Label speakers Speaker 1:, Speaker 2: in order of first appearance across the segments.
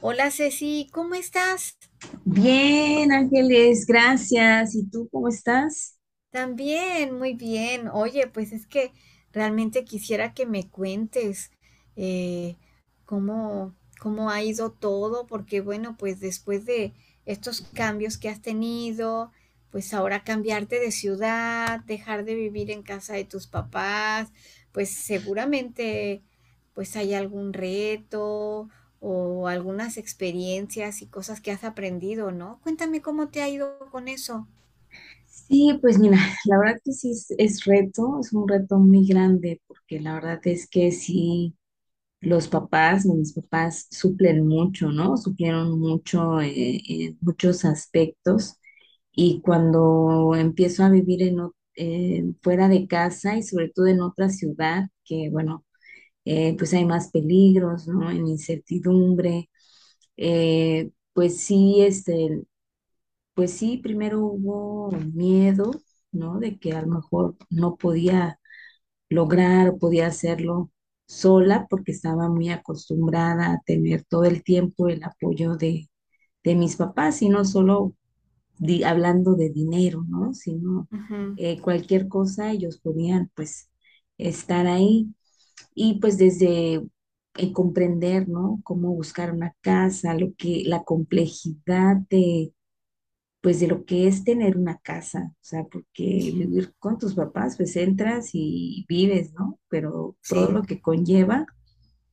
Speaker 1: Hola, Ceci, ¿cómo estás?
Speaker 2: Bien, Ángeles, gracias. ¿Y tú cómo estás?
Speaker 1: También, muy bien. Oye, pues es que realmente quisiera que me cuentes eh, cómo, cómo ha ido todo, porque bueno, pues después de estos cambios que has tenido, pues ahora cambiarte de ciudad, dejar de vivir en casa de tus papás, pues seguramente pues hay algún reto o algunas experiencias y cosas que has aprendido, ¿no? Cuéntame cómo te ha ido con eso.
Speaker 2: Sí, pues mira, la verdad que sí es reto, es un reto muy grande, porque la verdad es que sí, mis papás suplen mucho, ¿no? Suplieron mucho en muchos aspectos y cuando empiezo a vivir fuera de casa y sobre todo en otra ciudad, que bueno, pues hay más peligros, ¿no? En incertidumbre. Pues sí, pues sí, primero hubo miedo, ¿no? De que a lo mejor no podía lograr o podía hacerlo sola porque estaba muy acostumbrada a tener todo el tiempo el apoyo de mis papás y no solo hablando de dinero, ¿no? Sino
Speaker 1: Ujú.
Speaker 2: cualquier cosa ellos podían pues estar ahí. Y pues desde el comprender, ¿no? Cómo buscar una casa, la complejidad de, pues de lo que es tener una casa, o sea, porque vivir con tus papás, pues entras y vives, ¿no? Pero todo
Speaker 1: Sí.
Speaker 2: lo que conlleva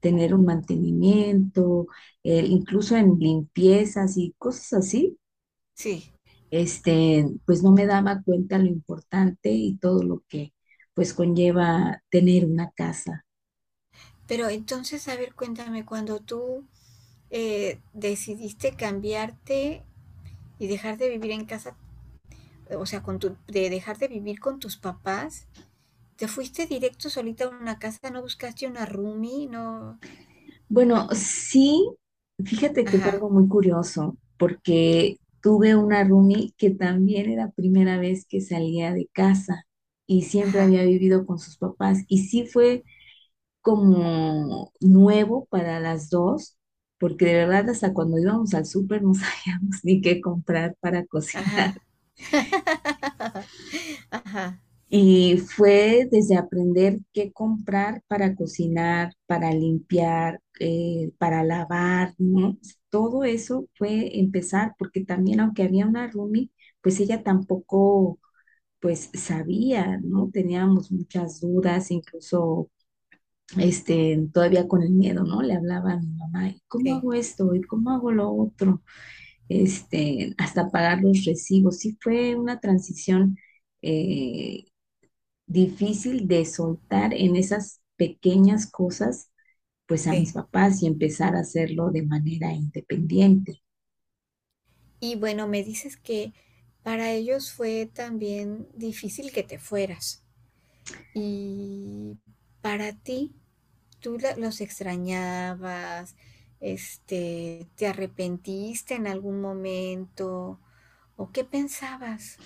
Speaker 2: tener un mantenimiento, incluso en limpiezas y cosas así,
Speaker 1: Sí,
Speaker 2: pues no me daba cuenta lo importante y todo lo que pues conlleva tener una casa.
Speaker 1: pero entonces, a ver, cuéntame, cuando tú decidiste cambiarte y dejar de vivir en casa, o sea, con tu, de dejar de vivir con tus papás, ¿te fuiste directo solita a una casa? ¿No buscaste una roomie? No.
Speaker 2: Bueno, sí, fíjate que fue
Speaker 1: Ajá,
Speaker 2: algo muy curioso, porque tuve una roomie que también era primera vez que salía de casa y siempre
Speaker 1: ajá,
Speaker 2: había vivido con sus papás y sí fue como nuevo para las dos, porque de verdad hasta cuando íbamos al súper no sabíamos ni qué comprar para cocinar.
Speaker 1: ajá. Ajá,
Speaker 2: Y fue desde aprender qué comprar para cocinar, para limpiar, para lavar, ¿no? Todo eso fue empezar, porque también aunque había una roomie, pues ella tampoco, pues sabía, ¿no? Teníamos muchas dudas, incluso, todavía con el miedo, ¿no? Le hablaba a mi mamá, ¿y cómo
Speaker 1: sí,
Speaker 2: hago esto? ¿Y cómo hago lo otro? Este, hasta pagar los recibos. Sí fue una transición eh, difícil de soltar en esas pequeñas cosas, pues a mis
Speaker 1: sí.
Speaker 2: papás y empezar a hacerlo de manera independiente.
Speaker 1: Y bueno, me dices que para ellos fue también difícil que te fueras. Y para ti, tú los extrañabas, este, ¿te arrepentiste en algún momento o qué pensabas?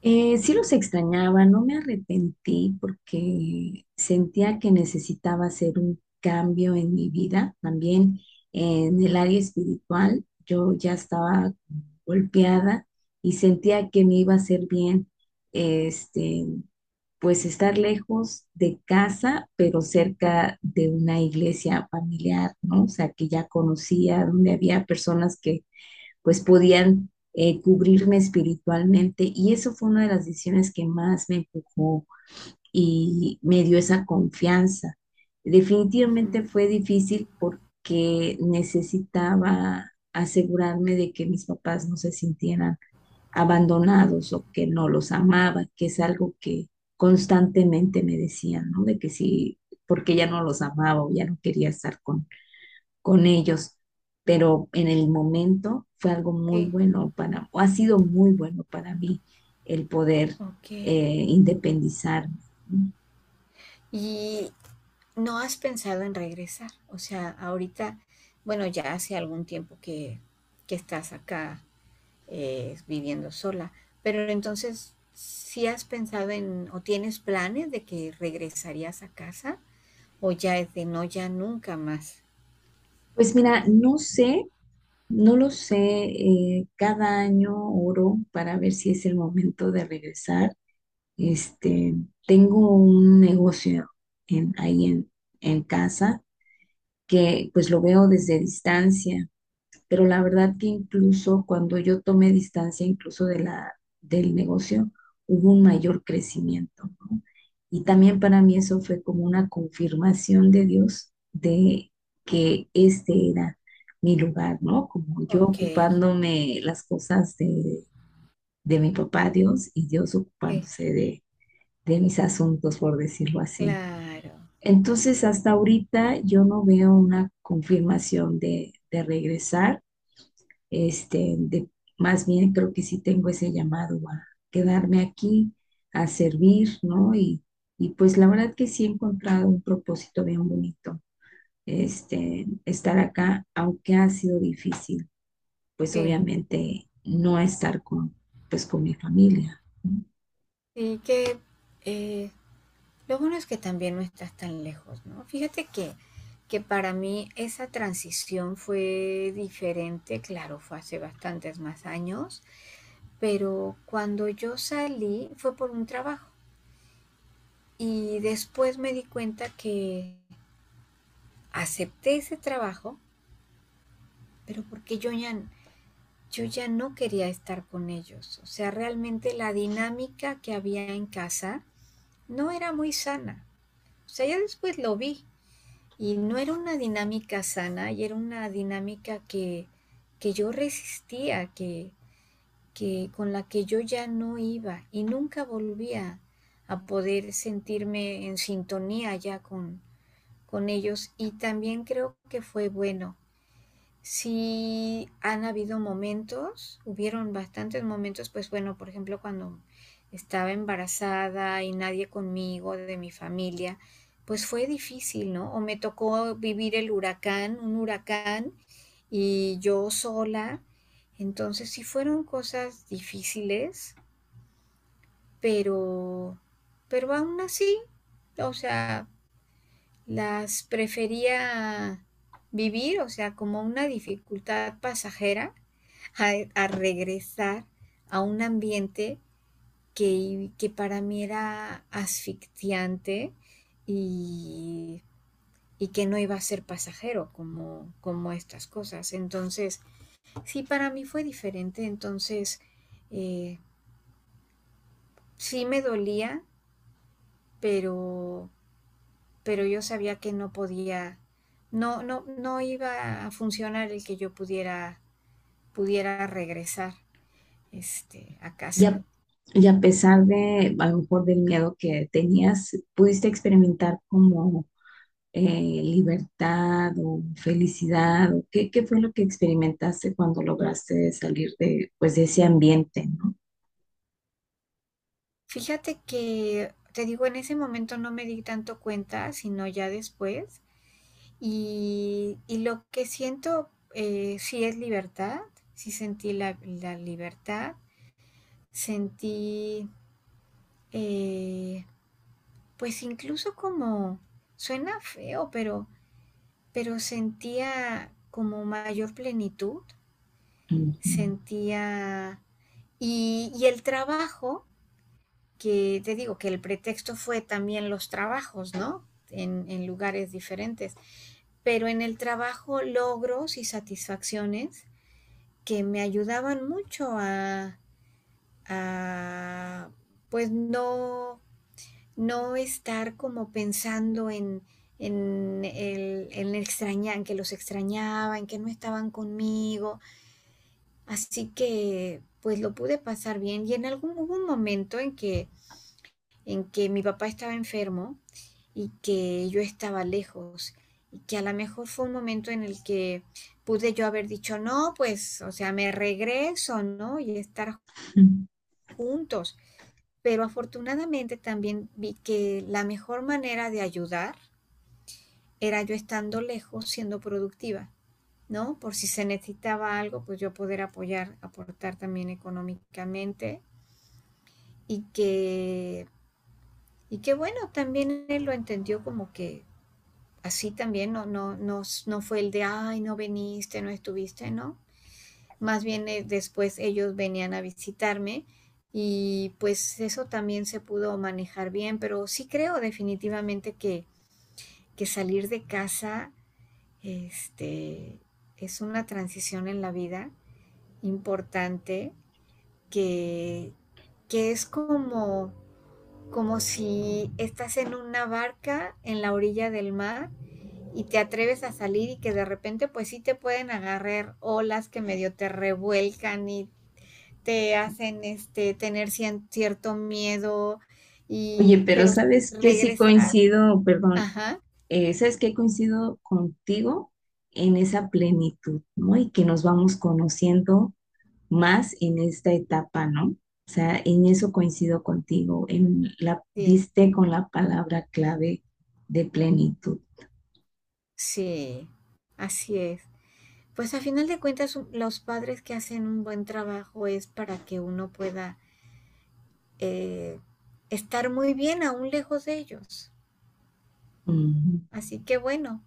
Speaker 2: Sí los extrañaba, no me arrepentí porque sentía que necesitaba hacer un cambio en mi vida, también en el área espiritual. Yo ya estaba golpeada y sentía que me iba a hacer bien este, pues estar lejos de casa, pero cerca de una iglesia familiar, ¿no? O sea, que ya conocía, donde había personas que pues podían cubrirme espiritualmente y eso fue una de las decisiones que más me empujó y me dio esa confianza.
Speaker 1: Ujú.
Speaker 2: Definitivamente fue difícil porque necesitaba asegurarme de que mis papás no se sintieran abandonados o que no los amaba, que es algo que constantemente me decían, ¿no? De que sí, porque ya no los amaba o ya no quería con ellos. Pero en el momento fue algo muy
Speaker 1: Sí,
Speaker 2: bueno para, o ha sido muy bueno para mí el poder
Speaker 1: ok.
Speaker 2: eh, independizarme. ¿No?
Speaker 1: ¿Y no has pensado en regresar? O sea, ahorita, bueno, ya hace algún tiempo que estás acá viviendo sola, pero entonces, ¿sí has pensado en o tienes planes de que regresarías a casa o ya es de no, ya nunca más?
Speaker 2: Pues mira, no sé, no lo sé, cada año oro para ver si es el momento de regresar. Este, tengo un negocio en, ahí en, en casa que pues lo veo desde distancia, pero la verdad que incluso cuando yo tomé distancia incluso del negocio, hubo un mayor crecimiento, ¿no? Y también para mí eso fue como una confirmación de Dios de que este era mi lugar, ¿no? Como yo
Speaker 1: Ok,
Speaker 2: ocupándome las cosas de mi papá Dios y Dios
Speaker 1: sí.
Speaker 2: ocupándose de mis asuntos, por decirlo así.
Speaker 1: Claro,
Speaker 2: Entonces, hasta ahorita yo no veo una confirmación de regresar. Este, de, Más bien creo que sí tengo ese llamado a quedarme aquí, a servir, ¿no? Y pues la verdad que sí he encontrado un propósito bien bonito, estar acá, aunque ha sido difícil, pues
Speaker 1: sí,
Speaker 2: obviamente no pues con mi familia. ¿No?
Speaker 1: sí que eh, lo bueno es que también no estás tan lejos, ¿no? Fíjate que para mí esa transición fue diferente, claro, fue hace bastantes más años, pero cuando yo salí fue por un trabajo y después me di cuenta que acepté ese trabajo, pero porque yo ya, yo ya no quería estar con ellos, o sea, realmente la dinámica que había en casa no era muy sana. O sea, ya después lo vi y no era una dinámica sana y era una dinámica que yo resistía, que con la que yo ya no iba y nunca volvía a poder sentirme en sintonía ya con ellos y también creo que fue bueno. Sí, han habido momentos, hubieron bastantes momentos, pues bueno, por ejemplo, cuando estaba embarazada y nadie conmigo de mi familia, pues fue difícil, ¿no? O me tocó vivir el huracán, un huracán, y yo sola. Entonces sí fueron cosas difíciles, pero, pero aún así, o sea, las prefería vivir, o sea, como una dificultad pasajera, a, a regresar a un ambiente que para mí era asfixiante y, y que no iba a ser pasajero como, como estas cosas. Entonces, sí, para mí fue diferente, entonces eh, sí me dolía, pero pero yo sabía que no podía, no, no iba a funcionar el que yo pudiera, pudiera regresar este, a
Speaker 2: Y
Speaker 1: casa.
Speaker 2: a, y a pesar de, a lo mejor, del miedo que tenías, ¿pudiste experimentar como eh, libertad o felicidad? ¿O qué, qué fue lo que experimentaste cuando lograste salir de, pues, de ese ambiente, ¿no?
Speaker 1: Fíjate que, te digo, en ese momento no me di tanto cuenta, sino ya después. Y lo que siento sí es libertad, sí sentí la, la libertad, sentí, eh, pues incluso como, suena feo, pero sentía como mayor plenitud,
Speaker 2: Ujú.
Speaker 1: sentía... Y, y el trabajo, que te digo que el pretexto fue también los trabajos, ¿no? En lugares diferentes, pero en el trabajo logros y satisfacciones que me ayudaban mucho a pues no, no estar como pensando en el extrañar, en que los extrañaba, en que no estaban conmigo. Así que, pues lo pude pasar bien y en algún hubo un momento en que mi papá estaba enfermo y que yo estaba lejos y que a lo mejor fue un momento en el que pude yo haber dicho, "No, pues, o sea, me regreso, ¿no? Y estar juntos". Pero afortunadamente también vi que la mejor manera de ayudar era yo estando lejos siendo productiva. ¿No? Por si se necesitaba algo, pues yo poder apoyar, aportar también económicamente y que, y que bueno, también él lo entendió como que así también no, no fue el de, ay, no viniste, no estuviste, ¿no? Más bien después ellos venían a visitarme y pues eso también se pudo manejar bien, pero sí creo definitivamente que salir de casa este, es una transición en la vida importante que, que es como como si estás en una barca en la orilla del mar y te atreves a salir y que de repente pues sí te pueden agarrar olas que medio te revuelcan y te hacen este tener cierto miedo
Speaker 2: Oye,
Speaker 1: y
Speaker 2: pero
Speaker 1: pero
Speaker 2: ¿sabes qué? Sí
Speaker 1: regresar,
Speaker 2: coincido, perdón,
Speaker 1: ajá,
Speaker 2: ¿sabes qué? Coincido contigo en esa plenitud, ¿no? Y que nos vamos conociendo más en esta etapa, ¿no? O sea, en eso coincido contigo, en la,
Speaker 1: sí,
Speaker 2: diste con la palabra clave de plenitud.
Speaker 1: sí, así es. Pues a final de cuentas los padres que hacen un buen trabajo es para que uno pueda eh, estar muy bien aún lejos de ellos.
Speaker 2: Ujú.
Speaker 1: Así que bueno,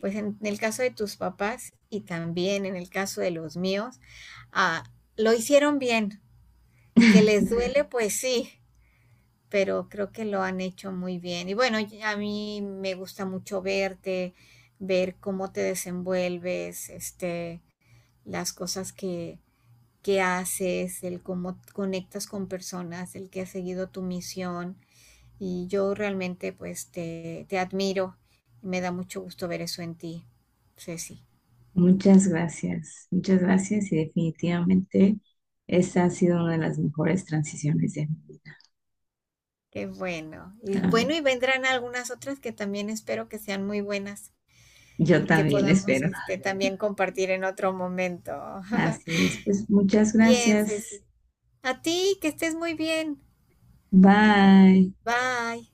Speaker 1: pues en el caso de tus papás y también en el caso de los míos, ah, lo hicieron bien. Que les duele, pues sí, pero creo que lo han hecho muy bien. Y bueno, y a mí me gusta mucho verte, ver cómo te desenvuelves, este, las cosas que haces, el cómo conectas con personas, el que has seguido tu misión. Y yo realmente pues te admiro y me da mucho gusto ver eso en ti, Ceci.
Speaker 2: Muchas gracias y definitivamente esta ha sido una de las mejores transiciones de mi vida.
Speaker 1: Qué bueno. Y
Speaker 2: Ah,
Speaker 1: bueno, y vendrán algunas otras que también espero que sean muy buenas
Speaker 2: yo
Speaker 1: y que
Speaker 2: también
Speaker 1: podamos
Speaker 2: espero.
Speaker 1: este, también compartir en otro momento.
Speaker 2: Así es, pues muchas
Speaker 1: Bien,
Speaker 2: gracias.
Speaker 1: Ceci. A ti, que estés muy bien.
Speaker 2: Bye.
Speaker 1: Bye.